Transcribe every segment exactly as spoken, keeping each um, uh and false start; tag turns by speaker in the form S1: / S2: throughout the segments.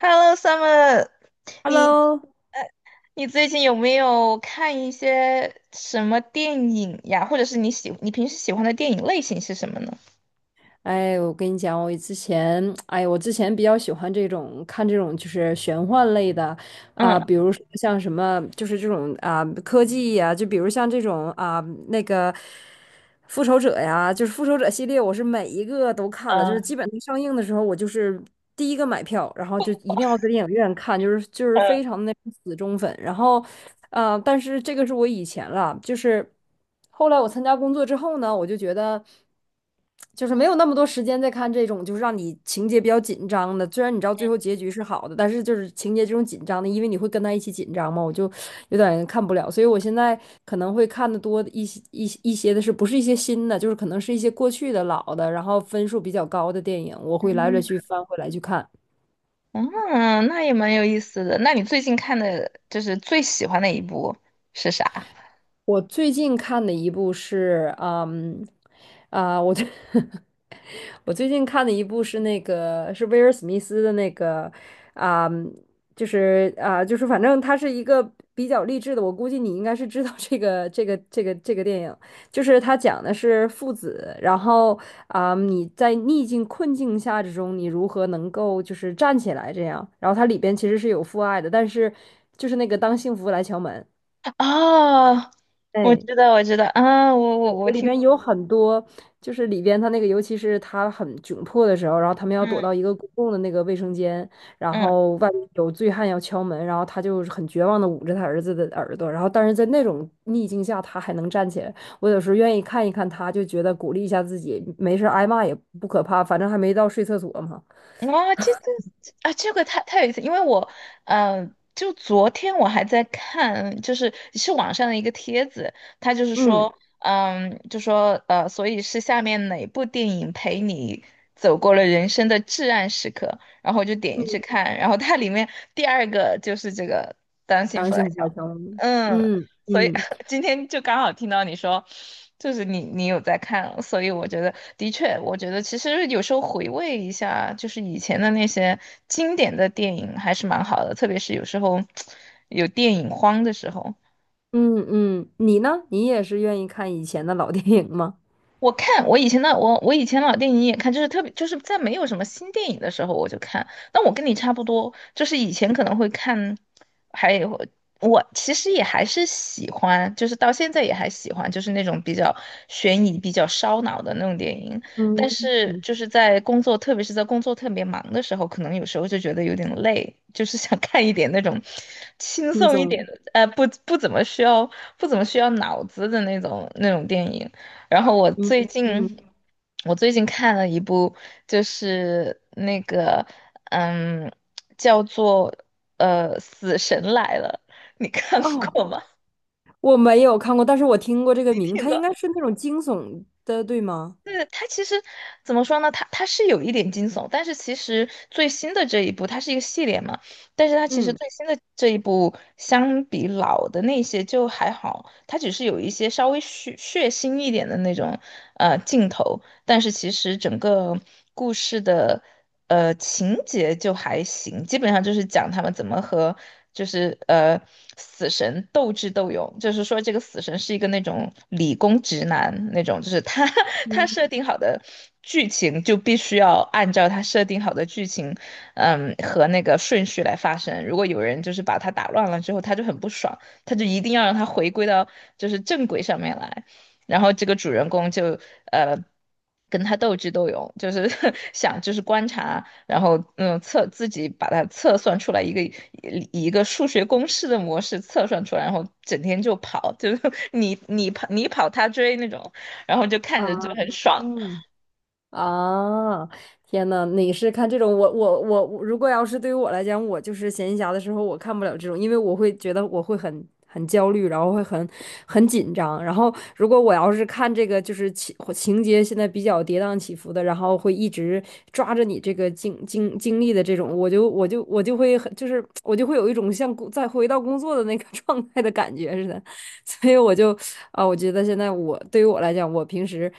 S1: Hello, Summer，你
S2: Hello，
S1: 你最近有没有看一些什么电影呀？或者是你喜你平时喜欢的电影类型是什么呢？
S2: 哎，我跟你讲，我之前，哎，我之前比较喜欢这种看这种就是玄幻类的啊、比
S1: 嗯
S2: 如说像什么，就是这种啊、科技呀、就比如像这种啊、那个复仇者呀，就是复仇者系列，我是每一个都看了，就是基
S1: 嗯
S2: 本上上映的时候，我就是第一个买票，然后就一定要在电影院看，就是就是非常的那种死忠粉，然后。呃，但是这个是我以前了，就是后来我参加工作之后呢，我就觉得。就是没有那么多时间再看这种，就是让你情节比较紧张的。虽然你知道最后结局是好的，但是就是情节这种紧张的，因为你会跟他一起紧张嘛，我就有点看不了。所以我现在可能会看的多一些一些一些的是不是一些新的，就是可能是一些过去的老的，然后分数比较高的电影，我会来来去
S1: 嗯
S2: 翻回来去看。
S1: 嗯嗯，那也蛮有意思的。那你最近看的就是最喜欢的一部是啥？
S2: 我最近看的一部是，嗯，啊、我最 我最近看的一部是那个是威尔史密斯的那个，啊、就是啊、就是反正它是一个比较励志的，我估计你应该是知道这个这个这个这个电影，就是它讲的是父子，然后啊、你在逆境困境下之中，你如何能够就是站起来这样，然后它里边其实是有父爱的，但是就是那个当幸福来敲门，
S1: 哦，我
S2: 哎。
S1: 知道，我知道，啊，我我
S2: 对
S1: 我
S2: 我里
S1: 听
S2: 边
S1: 过，
S2: 有很多，就是里边他那个，尤其是他很窘迫的时候，然后他们要躲
S1: 嗯
S2: 到一个公共的那个卫生间，然后外面有醉汉要敲门，然后他就很绝望的捂着他儿子的耳朵，然后但是在那种逆境下，他还能站起来。我有时候愿意看一看他，就觉得鼓励一下自己，没事儿挨骂也不可怕，反正还没到睡厕所嘛。
S1: 哇，这这啊，这个太太有意思，因为我，嗯、就昨天我还在看，就是是网上的一个帖子，他就是
S2: 嗯，
S1: 说，嗯，就说呃，所以是下面哪部电影陪你走过了人生的至暗时刻，然后我就点进去看，然后它里面第二个就是这个《当 幸
S2: 然后
S1: 福来
S2: 幸福小
S1: 敲
S2: 敲门。
S1: 门》，
S2: 嗯
S1: 所以
S2: 嗯
S1: 今天就刚好听到你说，就是你你有在看，所以我觉得的确，我觉得其实有时候回味一下，就是以前的那些经典的电影还是蛮好的，特别是有时候 有电影荒的时候，
S2: 嗯嗯，你呢？你也是愿意看以前的老电影吗？
S1: 我看我以前的我我以前老电影也看，就是特别就是在没有什么新电影的时候我就看。但我跟你差不多，就是以前可能会看，还有我其实也还是喜欢，就是到现在也还喜欢，就是那种比较悬疑、比较烧脑的那种电影。
S2: 嗯
S1: 但是
S2: 嗯，
S1: 就是在工作，特别是在工作特别忙的时候，可能有时候就觉得有点累，就是想看一点那种轻
S2: 轻
S1: 松一点
S2: 松。
S1: 的，呃，不不怎么需要不怎么需要脑子的那种那种电影。然后我
S2: 嗯
S1: 最
S2: 嗯，
S1: 近，我最近看了一部，就是那个，嗯，叫做呃《死神来了》，你看
S2: 哦，
S1: 过吗？
S2: 我没有看过，但是我听过这个 名，
S1: 听
S2: 它应该是那种惊悚的，对吗？
S1: 对，它其实怎么说呢？它它是有一点惊悚，但是其实最新的这一部，它是一个系列嘛，但是它其实
S2: 嗯，
S1: 最新的这一部相比老的那些就还好，它只是有一些稍微血血腥一点的那种呃镜头，但是其实整个故事的。呃，情节就还行，基本上就是讲他们怎么和就是呃死神斗智斗勇，就是说这个死神是一个那种理工直男那种，就是他 他
S2: 嗯
S1: 设定好的剧情就必须要按照他设定好的剧情，嗯和那个顺序来发生。如果有人就是把他打乱了之后，他就很不爽，他就一定要让他回归到就是正轨上面来。然后这个主人公就呃跟他斗智斗勇，就是 想就是观察，然后嗯测自己把它测算出来一个以一个数学公式的模式测算出来，然后整天就跑，就是 你你跑你跑他追那种，然后就看
S2: 啊，
S1: 着就很爽，
S2: 嗯。啊，天呐，你是看这种？我我我，我如果要是对于我来讲，我就是闲暇的时候，我看不了这种，因为我会觉得我会很很焦虑，然后会很很紧张。然后如果我要是看这个，就是情情节现在比较跌宕起伏的，然后会一直抓着你这个经经经历的这种，我就我就我就会很就是我就会有一种像工再回到工作的那个 状态的感觉似的。所以我就啊，我觉得现在我对于我来讲，我平时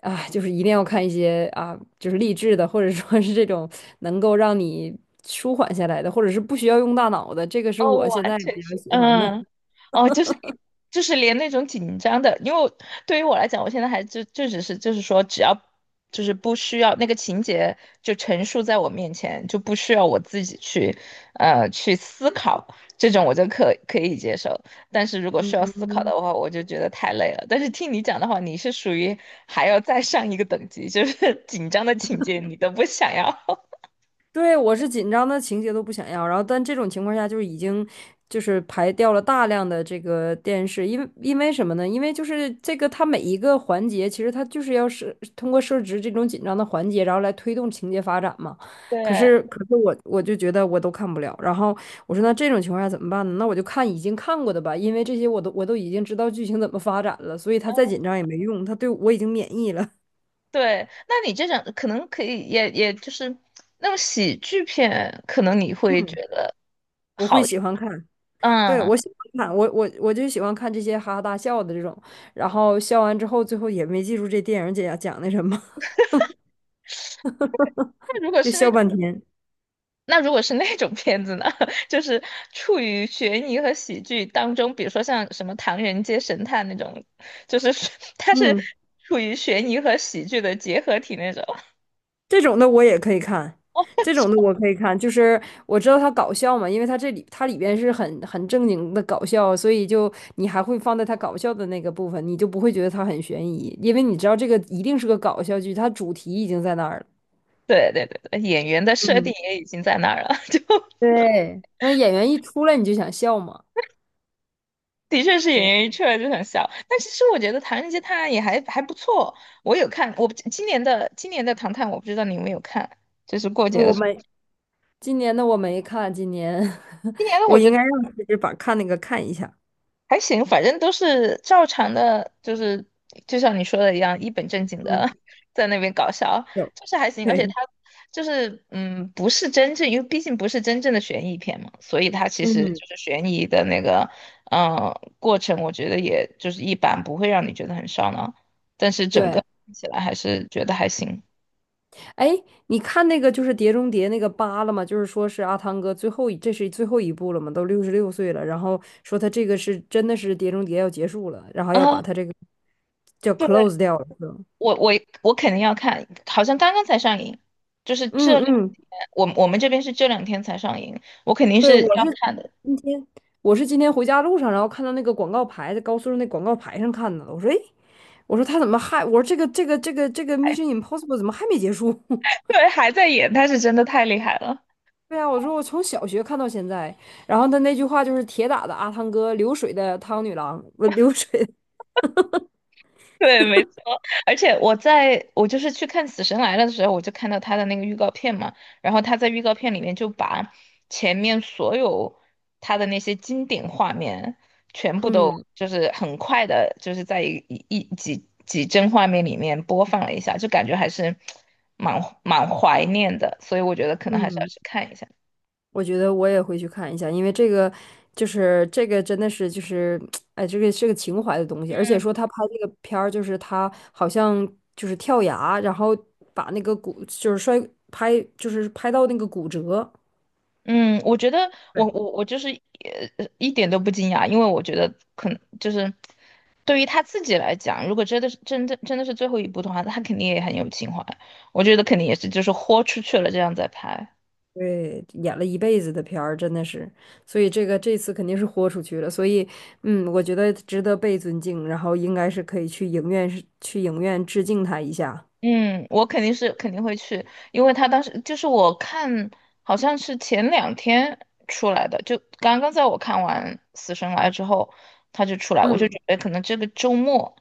S2: 啊，就是一定要看一些啊，就是励志的，或者说是这种能够让你舒缓下来的，或者是不需要用大脑的，这个是
S1: 哦，
S2: 我现
S1: 完
S2: 在
S1: 全
S2: 比较
S1: 是，
S2: 喜欢的。
S1: 嗯，哦，就是一，就是连那种紧张的，因为我对于我来讲，我现在还就就只是就是说，只要就是不需要那个情节就陈述在我面前，就不需要我自己去呃去思考，这种我就可可以接受。但是如果需 要思
S2: 嗯，
S1: 考的话，我就觉得太累了。但是听你讲的话，你是属于还要再上一个等级，就是 紧张的情节你都不想要。
S2: 对，我是紧张的情节都不想要，然后但这种情况下就是已经就是排掉了大量的这个电视，因为因为什么呢？因为就是这个它每一个环节，其实它就是要是通过设置这种紧张的环节，然后来推动情节发展嘛。可
S1: 对，
S2: 是可是我我就觉得我都看不了，然后我说那这种情况下怎么办呢？那我就看已经看过的吧，因为这些我都我都已经知道剧情怎么发展了，所以他再紧张也没用，他对我已经免疫了，
S1: 对，那你这种可能可以，也也就是那种喜剧片，可能你会觉得
S2: 我会
S1: 好一点
S2: 喜欢看。对，我
S1: 嗯。
S2: 喜欢看，我我我就喜欢看这些哈哈大笑的这种，然后笑完之后，最后也没记住这电影讲讲的什么，
S1: 那如果
S2: 就
S1: 是那
S2: 笑
S1: 种，
S2: 半天。
S1: 那如果是那种片子呢，就是处于悬疑和喜剧当中，比如说像什么《唐人街神探》那种，就是是 它是
S2: 嗯，
S1: 处于悬疑和喜剧的结合体那种。
S2: 这种的我也可以看，这种的 我可以看，就是我知道它搞笑嘛，因为它这里它里边是很很正经的搞笑，所以就你还会放在它搞笑的那个部分，你就不会觉得它很悬疑，因为你知道这个一定是个搞笑剧，它主题已经在那儿了。
S1: 对对对对，演员的设定
S2: 嗯，
S1: 也已经在那儿了，就。
S2: 对，那演员一出来你就想笑嘛。
S1: 的确是演
S2: 对，
S1: 员一出来就很笑，但其实我觉得《唐人街探案》也还还不错，我有看，我不今年的今年的《唐探》，我不知道你有没有看，就是过节的
S2: 我
S1: 时候，
S2: 们今年的我没看，今年
S1: 今年的
S2: 我
S1: 我觉
S2: 应该
S1: 得
S2: 让其实把看那个看一下。
S1: 还行，反正都是照常的，就是就像你说的一样，一本正经
S2: 嗯，
S1: 的 在那边搞笑，
S2: 有，
S1: 就是还行。而且它
S2: 对，
S1: 就是嗯，不是真正，因为毕竟不是真正的悬疑片嘛，所以它其实
S2: 嗯，
S1: 就是悬疑的那个嗯过程，我觉得也就是一般，不会让你觉得很烧脑。但是整个
S2: 对。
S1: 看起来还是觉得还行
S2: 哎，你看那个就是《碟中谍》那个八了吗？就是说是阿汤哥最后一，这是最后一部了嘛，都六十六岁了，然后说他这个是真的是《碟中谍》要结束了，然后要
S1: 啊。
S2: 把 他这个叫
S1: 对。
S2: close 掉了。是吧
S1: 我我我肯定要看，好像刚刚才上映，就是这两
S2: 嗯嗯，
S1: 天，我我们这边是这两天才上映，我肯定
S2: 对，
S1: 是要
S2: 我是
S1: 看的。
S2: 今天，我是今天回家路上，然后看到那个广告牌，在高速上那广告牌上看到的。我说，哎，我说他怎么还？我说这个这个这个这个 M I 什么 I什么 什么 I什么 怎么还没结束？
S1: 对，还在演，他是真的太厉害了。
S2: 对啊，我说我从小学看到现在，然后他那句话就是铁打的阿汤哥，流水的汤女郎，不流水，
S1: 对，没错。而且我在我就是去看《死神来了》的时候，我就看到他的那个预告片嘛，然后他在预告片里面就把前面所有他的那些经典画面全 部都
S2: 嗯
S1: 就是很快的，就是在一一一几几帧画面里面播放了一下，就感觉还是蛮蛮怀念的，所以我觉得可能还是要
S2: 嗯，
S1: 去看一下。
S2: 我觉得我也会去看一下，因为这个就是这个真的是就是 哎，这个是个情怀的东西，而且
S1: 嗯。
S2: 说他拍这个片儿，就是他好像就是跳崖，然后把那个骨就是摔拍就是拍到那个骨折，
S1: 嗯，我觉得
S2: 对，
S1: 我我我就是呃一点都不惊讶，因为我觉得可能就是对于他自己来讲，如果真的是真的真的是最后一部的话，他肯定也很有情怀，我觉得肯定也是就是豁出去了这样在拍。
S2: 对，演了一辈子的片儿，真的是，所以这个这次肯定是豁出去了，所以嗯，我觉得值得被尊敬，然后应该是可以去影院去影院致敬他一下，
S1: 嗯，我肯定是肯定会去，因为他当时就是我看，好像是前两天出来的，就刚刚在我看完《死神来》之后，他就出来，我就准
S2: 嗯
S1: 备可能这个周末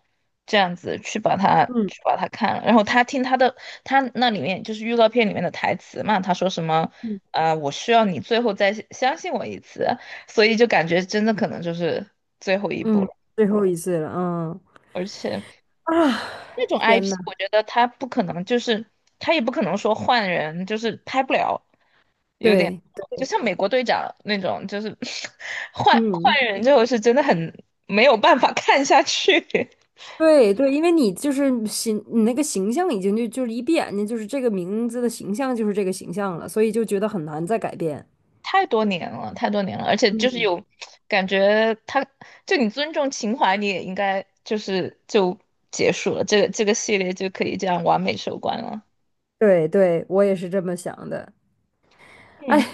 S1: 这样子去把它
S2: 嗯
S1: 去把它看了。然后他听他的，他那里面就是预告片里面的台词嘛，他说什么，
S2: 嗯
S1: 呃，我需要你最后再相信我一次，所以就感觉真的可能就是最后一步
S2: 嗯，
S1: 了，
S2: 最后一次了，嗯。
S1: 而且。
S2: 啊，
S1: 那种
S2: 天
S1: I P，
S2: 呐，
S1: 我觉得他不可能，就是他也不可能说换人，就是拍不了，有点
S2: 对，
S1: 就像美国队长那种，就是 换换
S2: 嗯，
S1: 人之后是真的很没有办法看下去，
S2: 对对，因为你就是形，你那个形象已经就就是一闭眼睛就是这个名字的形象就是这个形象了，所以就觉得很难再改变。
S1: 太多年了，太多年了，而且就是有感觉他，就你尊重情怀，你也应该就是就结束了，这个这个系列就可以这样完美收官了。
S2: 对对，我也是这么想的。哎，
S1: 嗯。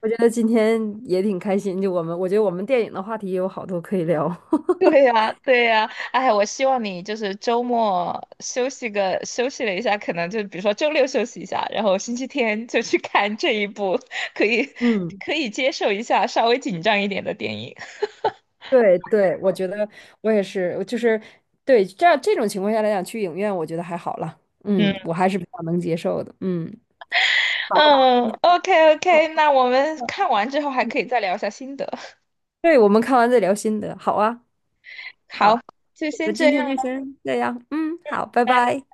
S2: 我觉得今天也挺开心，就我们，我觉得我们电影的话题也有好多可以聊。
S1: 对 呀，对呀，哎，我希望你就是周末休息个休息了一下，可能就比如说周六休息一下，然后星期天就去看这一部可以
S2: 嗯，
S1: 可以接受一下稍微紧张一点的电影。
S2: 对对，我觉得我也是，就是对这样这种情况下来讲，去影院我觉得还好了。嗯，
S1: 嗯
S2: 我还是比较能接受的。嗯，
S1: 嗯，OK
S2: 好
S1: OK，那我们看完之后还可以再聊一下心得。
S2: 对，我们看完再聊心得，好啊，好，
S1: 好，就
S2: 我
S1: 先
S2: 们
S1: 这
S2: 今天
S1: 样。
S2: 就先这样，嗯，好，拜拜。